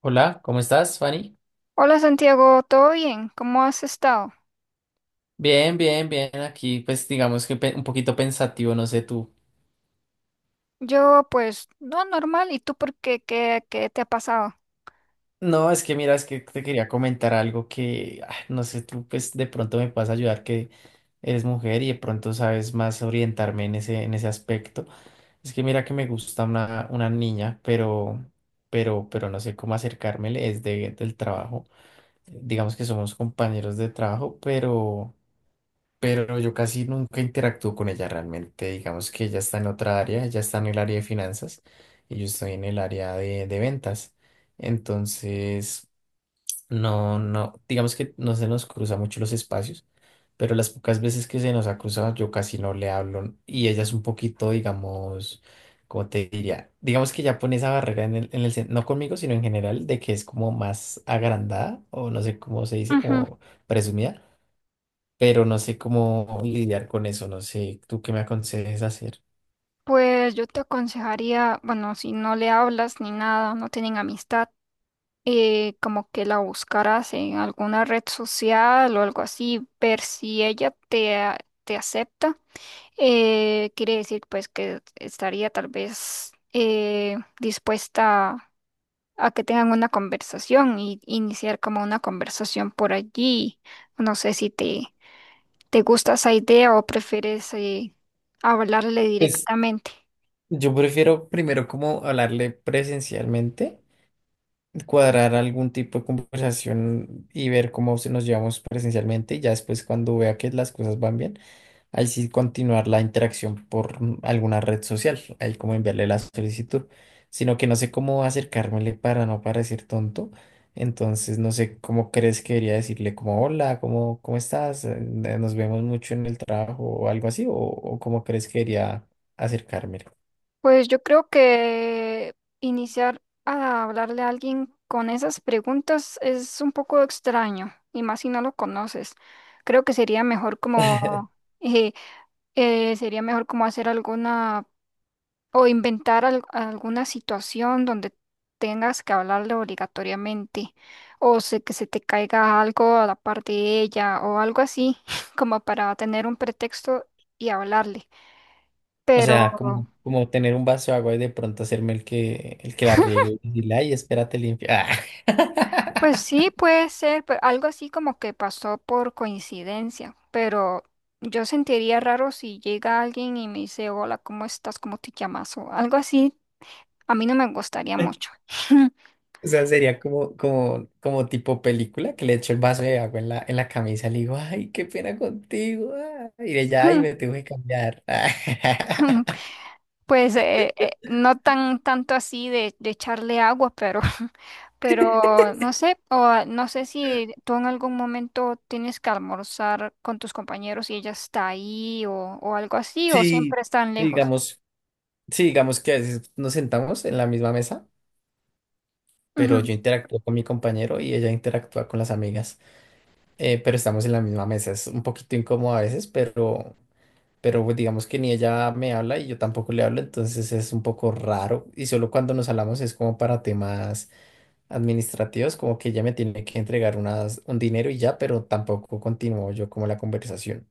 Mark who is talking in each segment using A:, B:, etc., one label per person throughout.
A: Hola, ¿cómo estás, Fanny?
B: Hola Santiago, ¿todo bien? ¿Cómo has estado?
A: Bien, bien, bien. Aquí, pues digamos que un poquito pensativo, no sé tú.
B: Yo pues no normal, ¿y tú por qué? ¿¿Qué te ha pasado?
A: No, es que mira, es que te quería comentar algo que, no sé, tú pues de pronto me puedes ayudar que eres mujer y de pronto sabes más orientarme en en ese aspecto. Es que mira que me gusta una niña, pero, pero no sé cómo acercármele, es del trabajo. Digamos que somos compañeros de trabajo, pero yo casi nunca interactúo con ella realmente. Digamos que ella está en otra área, ella está en el área de finanzas y yo estoy en el área de ventas. Entonces, no, digamos que no se nos cruza mucho los espacios, pero las pocas veces que se nos ha cruzado, yo casi no le hablo y ella es un poquito, digamos, ¿cómo te diría? Digamos que ya pone esa barrera en el, no conmigo, sino en general, de que es como más agrandada o no sé cómo se dice,
B: Ujú.
A: como presumida, pero no sé cómo lidiar con eso, no sé, ¿tú qué me aconsejes hacer?
B: Pues yo te aconsejaría, bueno, si no le hablas ni nada, no tienen amistad, como que la buscaras en alguna red social o algo así, ver si ella te, te acepta. Quiere decir pues que estaría tal vez dispuesta a que tengan una conversación y iniciar como una conversación por allí. No sé si te gusta esa idea o prefieres hablarle
A: Pues
B: directamente.
A: yo prefiero primero como hablarle presencialmente, cuadrar algún tipo de conversación y ver cómo se nos llevamos presencialmente y ya después cuando vea que las cosas van bien. Ahí sí continuar la interacción por alguna red social, ahí como enviarle la solicitud, sino que no sé cómo acercármele para no parecer tonto. Entonces no sé cómo crees que debería decirle como hola, cómo estás. Nos vemos mucho en el trabajo o algo así, o cómo crees que debería acercármele.
B: Pues yo creo que iniciar a hablarle a alguien con esas preguntas es un poco extraño, y más si no lo conoces. Creo que eh, sería mejor como hacer alguna, o inventar alguna situación donde tengas que hablarle obligatoriamente, o que se te caiga algo a la par de ella, o algo así, como para tener un pretexto y hablarle.
A: O
B: Pero,
A: sea, como tener un vaso de agua y de pronto hacerme el que la riego y decirle, ay, espérate limpia.
B: pues sí, puede ser, algo así como que pasó por coincidencia, pero yo sentiría raro si llega alguien y me dice, hola, ¿cómo estás? ¿Cómo te llamas? O algo así, a mí no me gustaría mucho.
A: O sea, sería como tipo película que le echo el vaso de agua en la camisa y le digo, ay, qué pena contigo, ah. Y ella, ay, me tengo que cambiar.
B: Pues no tan tanto así de echarle agua, pero, pero no sé, o ah, no sé si tú en algún momento tienes que almorzar con tus compañeros y ella está ahí o algo así, o
A: Sí,
B: siempre están
A: sí,
B: lejos.
A: digamos, sí, digamos que a veces nos sentamos en la misma mesa, pero yo interactúo con mi compañero y ella interactúa con las amigas, pero estamos en la misma mesa. Es un poquito incómodo a veces, pero pues, digamos que ni ella me habla y yo tampoco le hablo, entonces es un poco raro. Y solo cuando nos hablamos es como para temas administrativos, como que ella me tiene que entregar un dinero y ya, pero tampoco continuó yo como la conversación.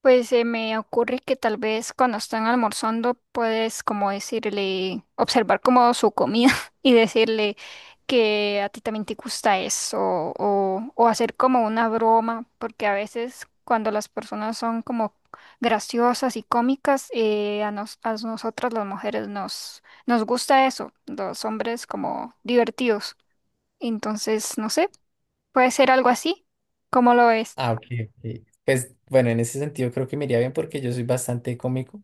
B: Pues se me ocurre que tal vez cuando están almorzando puedes como decirle, observar como su comida y decirle que a ti también te gusta eso o hacer como una broma, porque a veces cuando las personas son como graciosas y cómicas, a nosotras las mujeres nos gusta eso, los hombres como divertidos. Entonces, no sé, puede ser algo así, cómo lo es.
A: Ah, ok, ok. Pues bueno, en ese sentido creo que me iría bien porque yo soy bastante cómico,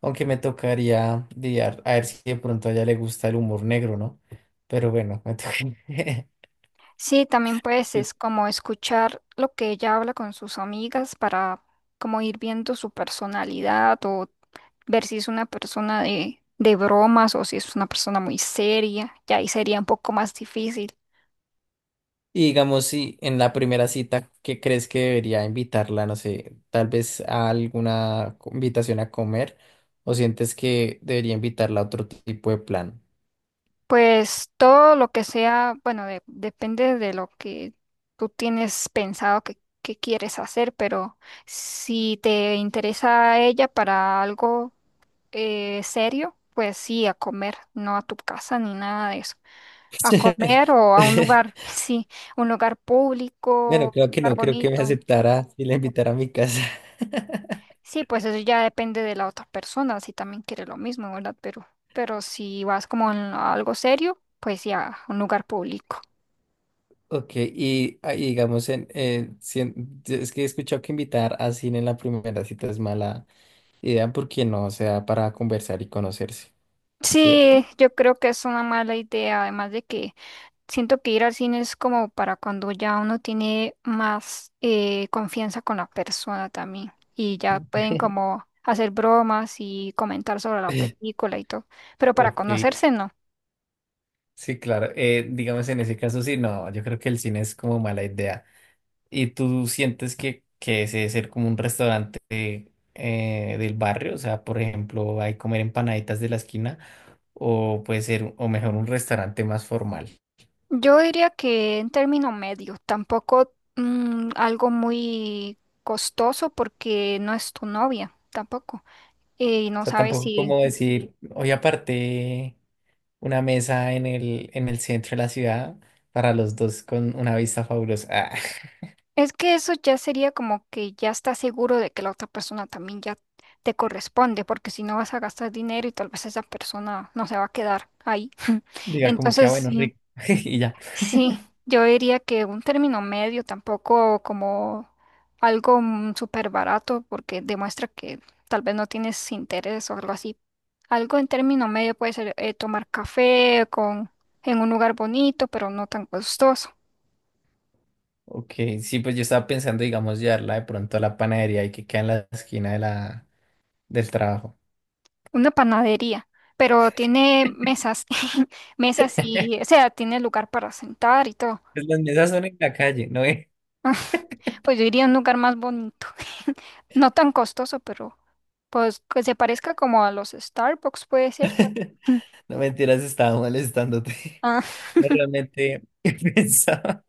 A: aunque me tocaría lidiar a ver si de pronto a ella le gusta el humor negro, ¿no? Pero bueno, me toca.
B: Sí, también pues es como escuchar lo que ella habla con sus amigas para como ir viendo su personalidad o ver si es una persona de bromas o si es una persona muy seria, ya ahí sería un poco más difícil.
A: Y digamos, si en la primera cita, ¿qué crees que debería invitarla? No sé, tal vez a alguna invitación a comer, o sientes que debería invitarla a otro tipo de plan.
B: Pues todo lo que sea, bueno, depende de lo que tú tienes pensado que quieres hacer, pero si te interesa a ella para algo serio, pues sí, a comer, no a tu casa ni nada de eso. A comer o a un lugar, sí, un lugar
A: Bueno,
B: público,
A: creo
B: un
A: que
B: lugar
A: no, creo que me
B: bonito.
A: aceptará y la invitará a mi casa.
B: Sí, pues eso ya depende de la otra persona, si también quiere lo mismo, ¿verdad? Pero si vas como en algo serio, pues ya, un lugar público.
A: Ok, y, y digamos, en, si en- yo es que he escuchado que invitar a cine en la primera cita es mala idea porque no se da para conversar y conocerse,
B: Sí,
A: ¿cierto?
B: yo creo que es una mala idea, además de que siento que ir al cine es como para cuando ya uno tiene más confianza con la persona también y ya pueden como hacer bromas y comentar sobre la película y todo, pero para
A: Ok,
B: conocerse no.
A: sí, claro. Digamos, en ese caso, sí, no, yo creo que el cine es como mala idea. ¿Y tú sientes que ese debe ser como un restaurante del barrio? O sea, por ejemplo, hay comer empanaditas de la esquina o puede ser, o mejor, un restaurante más formal.
B: Yo diría que en término medio, tampoco mm, algo muy costoso porque no es tu novia tampoco, y
A: O
B: no
A: sea,
B: sabes
A: tampoco
B: si...
A: como decir, hoy aparté una mesa en el centro de la ciudad para los dos con una vista fabulosa. Ah.
B: Es que eso ya sería como que ya estás seguro de que la otra persona también ya te corresponde, porque si no vas a gastar dinero y tal vez esa persona no se va a quedar ahí.
A: Diga como que, ah,
B: Entonces,
A: bueno,
B: sí,
A: rico. Y ya.
B: sí, yo diría que un término medio tampoco como algo mm, súper barato, porque demuestra que tal vez no tienes interés o algo así. Algo en término medio puede ser tomar café con, en un lugar bonito, pero no tan costoso.
A: Ok, sí, pues yo estaba pensando, digamos, llevarla de pronto a la panadería y que queda en la esquina de del trabajo.
B: Una panadería, pero tiene mesas, mesas y, o sea, tiene lugar para sentar y todo.
A: Pues las mesas son en la calle, no,
B: Pues yo iría a un lugar más bonito, no tan costoso, pero pues que se parezca como a los Starbucks puede ser.
A: no mentiras, estaba molestándote.
B: Ah,
A: No, realmente pensaba,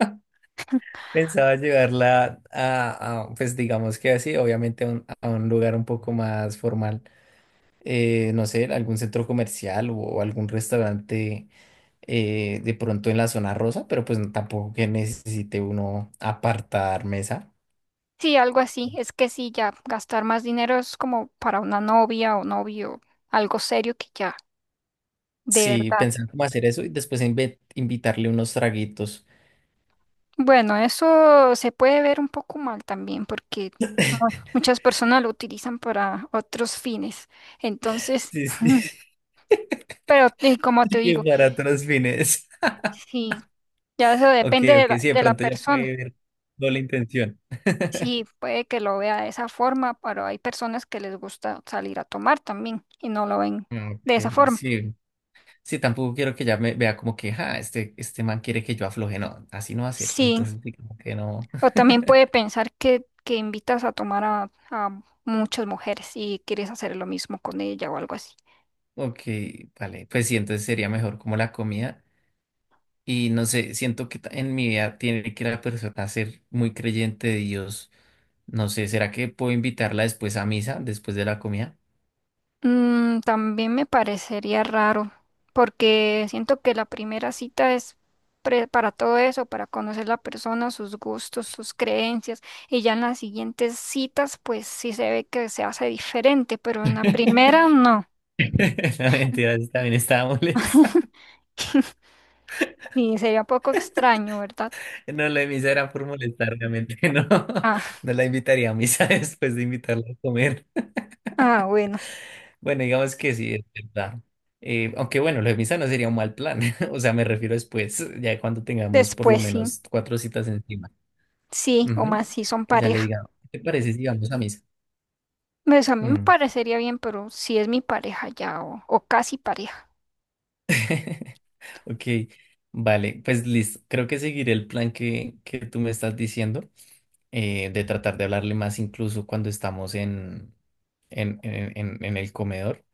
A: pensaba llevarla pues digamos que así, obviamente a un lugar un poco más formal. No sé, algún centro comercial o algún restaurante de pronto en la zona rosa, pero pues tampoco que necesite uno apartar mesa.
B: sí, algo así. Es que sí, ya gastar más dinero es como para una novia o novio, algo serio que ya de
A: Sí,
B: verdad.
A: pensaba cómo hacer eso y después invitarle unos traguitos.
B: Bueno, eso se puede ver un poco mal también porque muchas personas lo utilizan para otros fines. Entonces,
A: Sí, sí,
B: pero como te
A: que
B: digo,
A: para otros fines.
B: sí, ya eso
A: Ok,
B: depende
A: ok,
B: de
A: sí, de
B: de la
A: pronto ya
B: persona.
A: puede ver doble intención.
B: Sí, puede que lo vea de esa forma, pero hay personas que les gusta salir a tomar también y no lo ven de esa
A: Ok,
B: forma.
A: sí. Sí, tampoco quiero que ya me vea como que, ah, este man quiere que yo afloje. No, así no va a ser.
B: Sí,
A: Entonces, sí, como que no.
B: o también puede pensar que invitas a tomar a muchas mujeres y quieres hacer lo mismo con ella o algo así.
A: Ok, vale. Pues sí, entonces sería mejor como la comida. Y no sé, siento que en mi vida tiene que la persona ser muy creyente de Dios. No sé, ¿será que puedo invitarla después a misa, después de la comida?
B: Mm, también me parecería raro, porque siento que la primera cita es para todo eso, para conocer la persona, sus gustos, sus creencias, y ya en las siguientes citas, pues sí se ve que se hace diferente, pero en la primera no.
A: La mentira, sí, también estaba molesta.
B: Sí, sería un poco extraño, ¿verdad?
A: No, la de misa era por molestar, obviamente, no.
B: Ah,
A: No la invitaría a misa después de invitarla a comer.
B: ah, bueno,
A: Bueno, digamos que sí, es verdad. Aunque bueno, lo de misa no sería un mal plan. O sea, me refiero después, ya cuando tengamos por lo
B: después sí,
A: menos cuatro citas encima.
B: sí, o
A: Ujú.
B: más si son
A: Que ya le
B: pareja.
A: diga, ¿qué te parece si vamos a misa?
B: Pues a mí me
A: Mm.
B: parecería bien, pero si es mi pareja ya o casi pareja.
A: Ok, vale, pues listo. Creo que seguiré el plan que tú me estás diciendo, de tratar de hablarle más incluso cuando estamos en el comedor,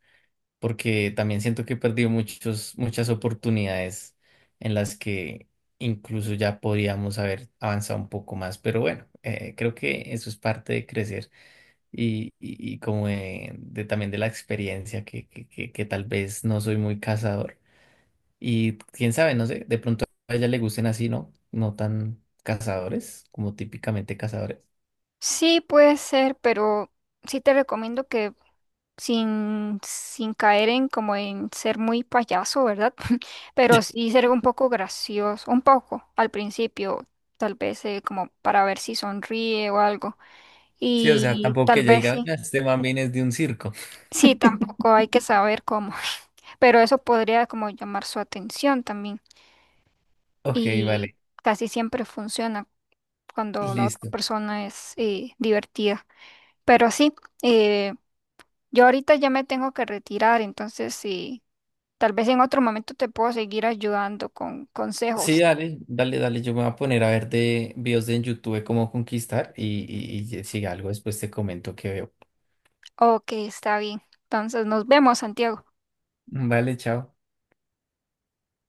A: porque también siento que he perdido muchas oportunidades en las que incluso ya podíamos haber avanzado un poco más. Pero bueno, creo que eso es parte de crecer y como de también de la experiencia que tal vez no soy muy cazador. Y quién sabe, no sé, de pronto a ella le gusten así, ¿no? No tan cazadores, como típicamente cazadores.
B: Sí, puede ser, pero sí te recomiendo que sin, sin caer en como en ser muy payaso, ¿verdad? Pero sí ser un poco gracioso, un poco al principio, tal vez como para ver si sonríe o algo.
A: Sí, o sea,
B: Y
A: tampoco que
B: tal
A: ella
B: vez
A: diga,
B: sí.
A: "Ah, man viene es de un circo".
B: Sí, tampoco hay que saber cómo, pero eso podría como llamar su atención también
A: Ok,
B: y
A: vale,
B: casi siempre funciona cuando la otra
A: listo.
B: persona es divertida. Pero sí, eh, yo ahorita ya me tengo que retirar, entonces sí, tal vez en otro momento te puedo seguir ayudando con
A: Sí,
B: consejos.
A: dale, dale, dale. Yo me voy a poner a ver de videos de en YouTube de cómo conquistar y si algo después te comento que veo.
B: Ok, está bien. Entonces nos vemos, Santiago.
A: Vale, chao.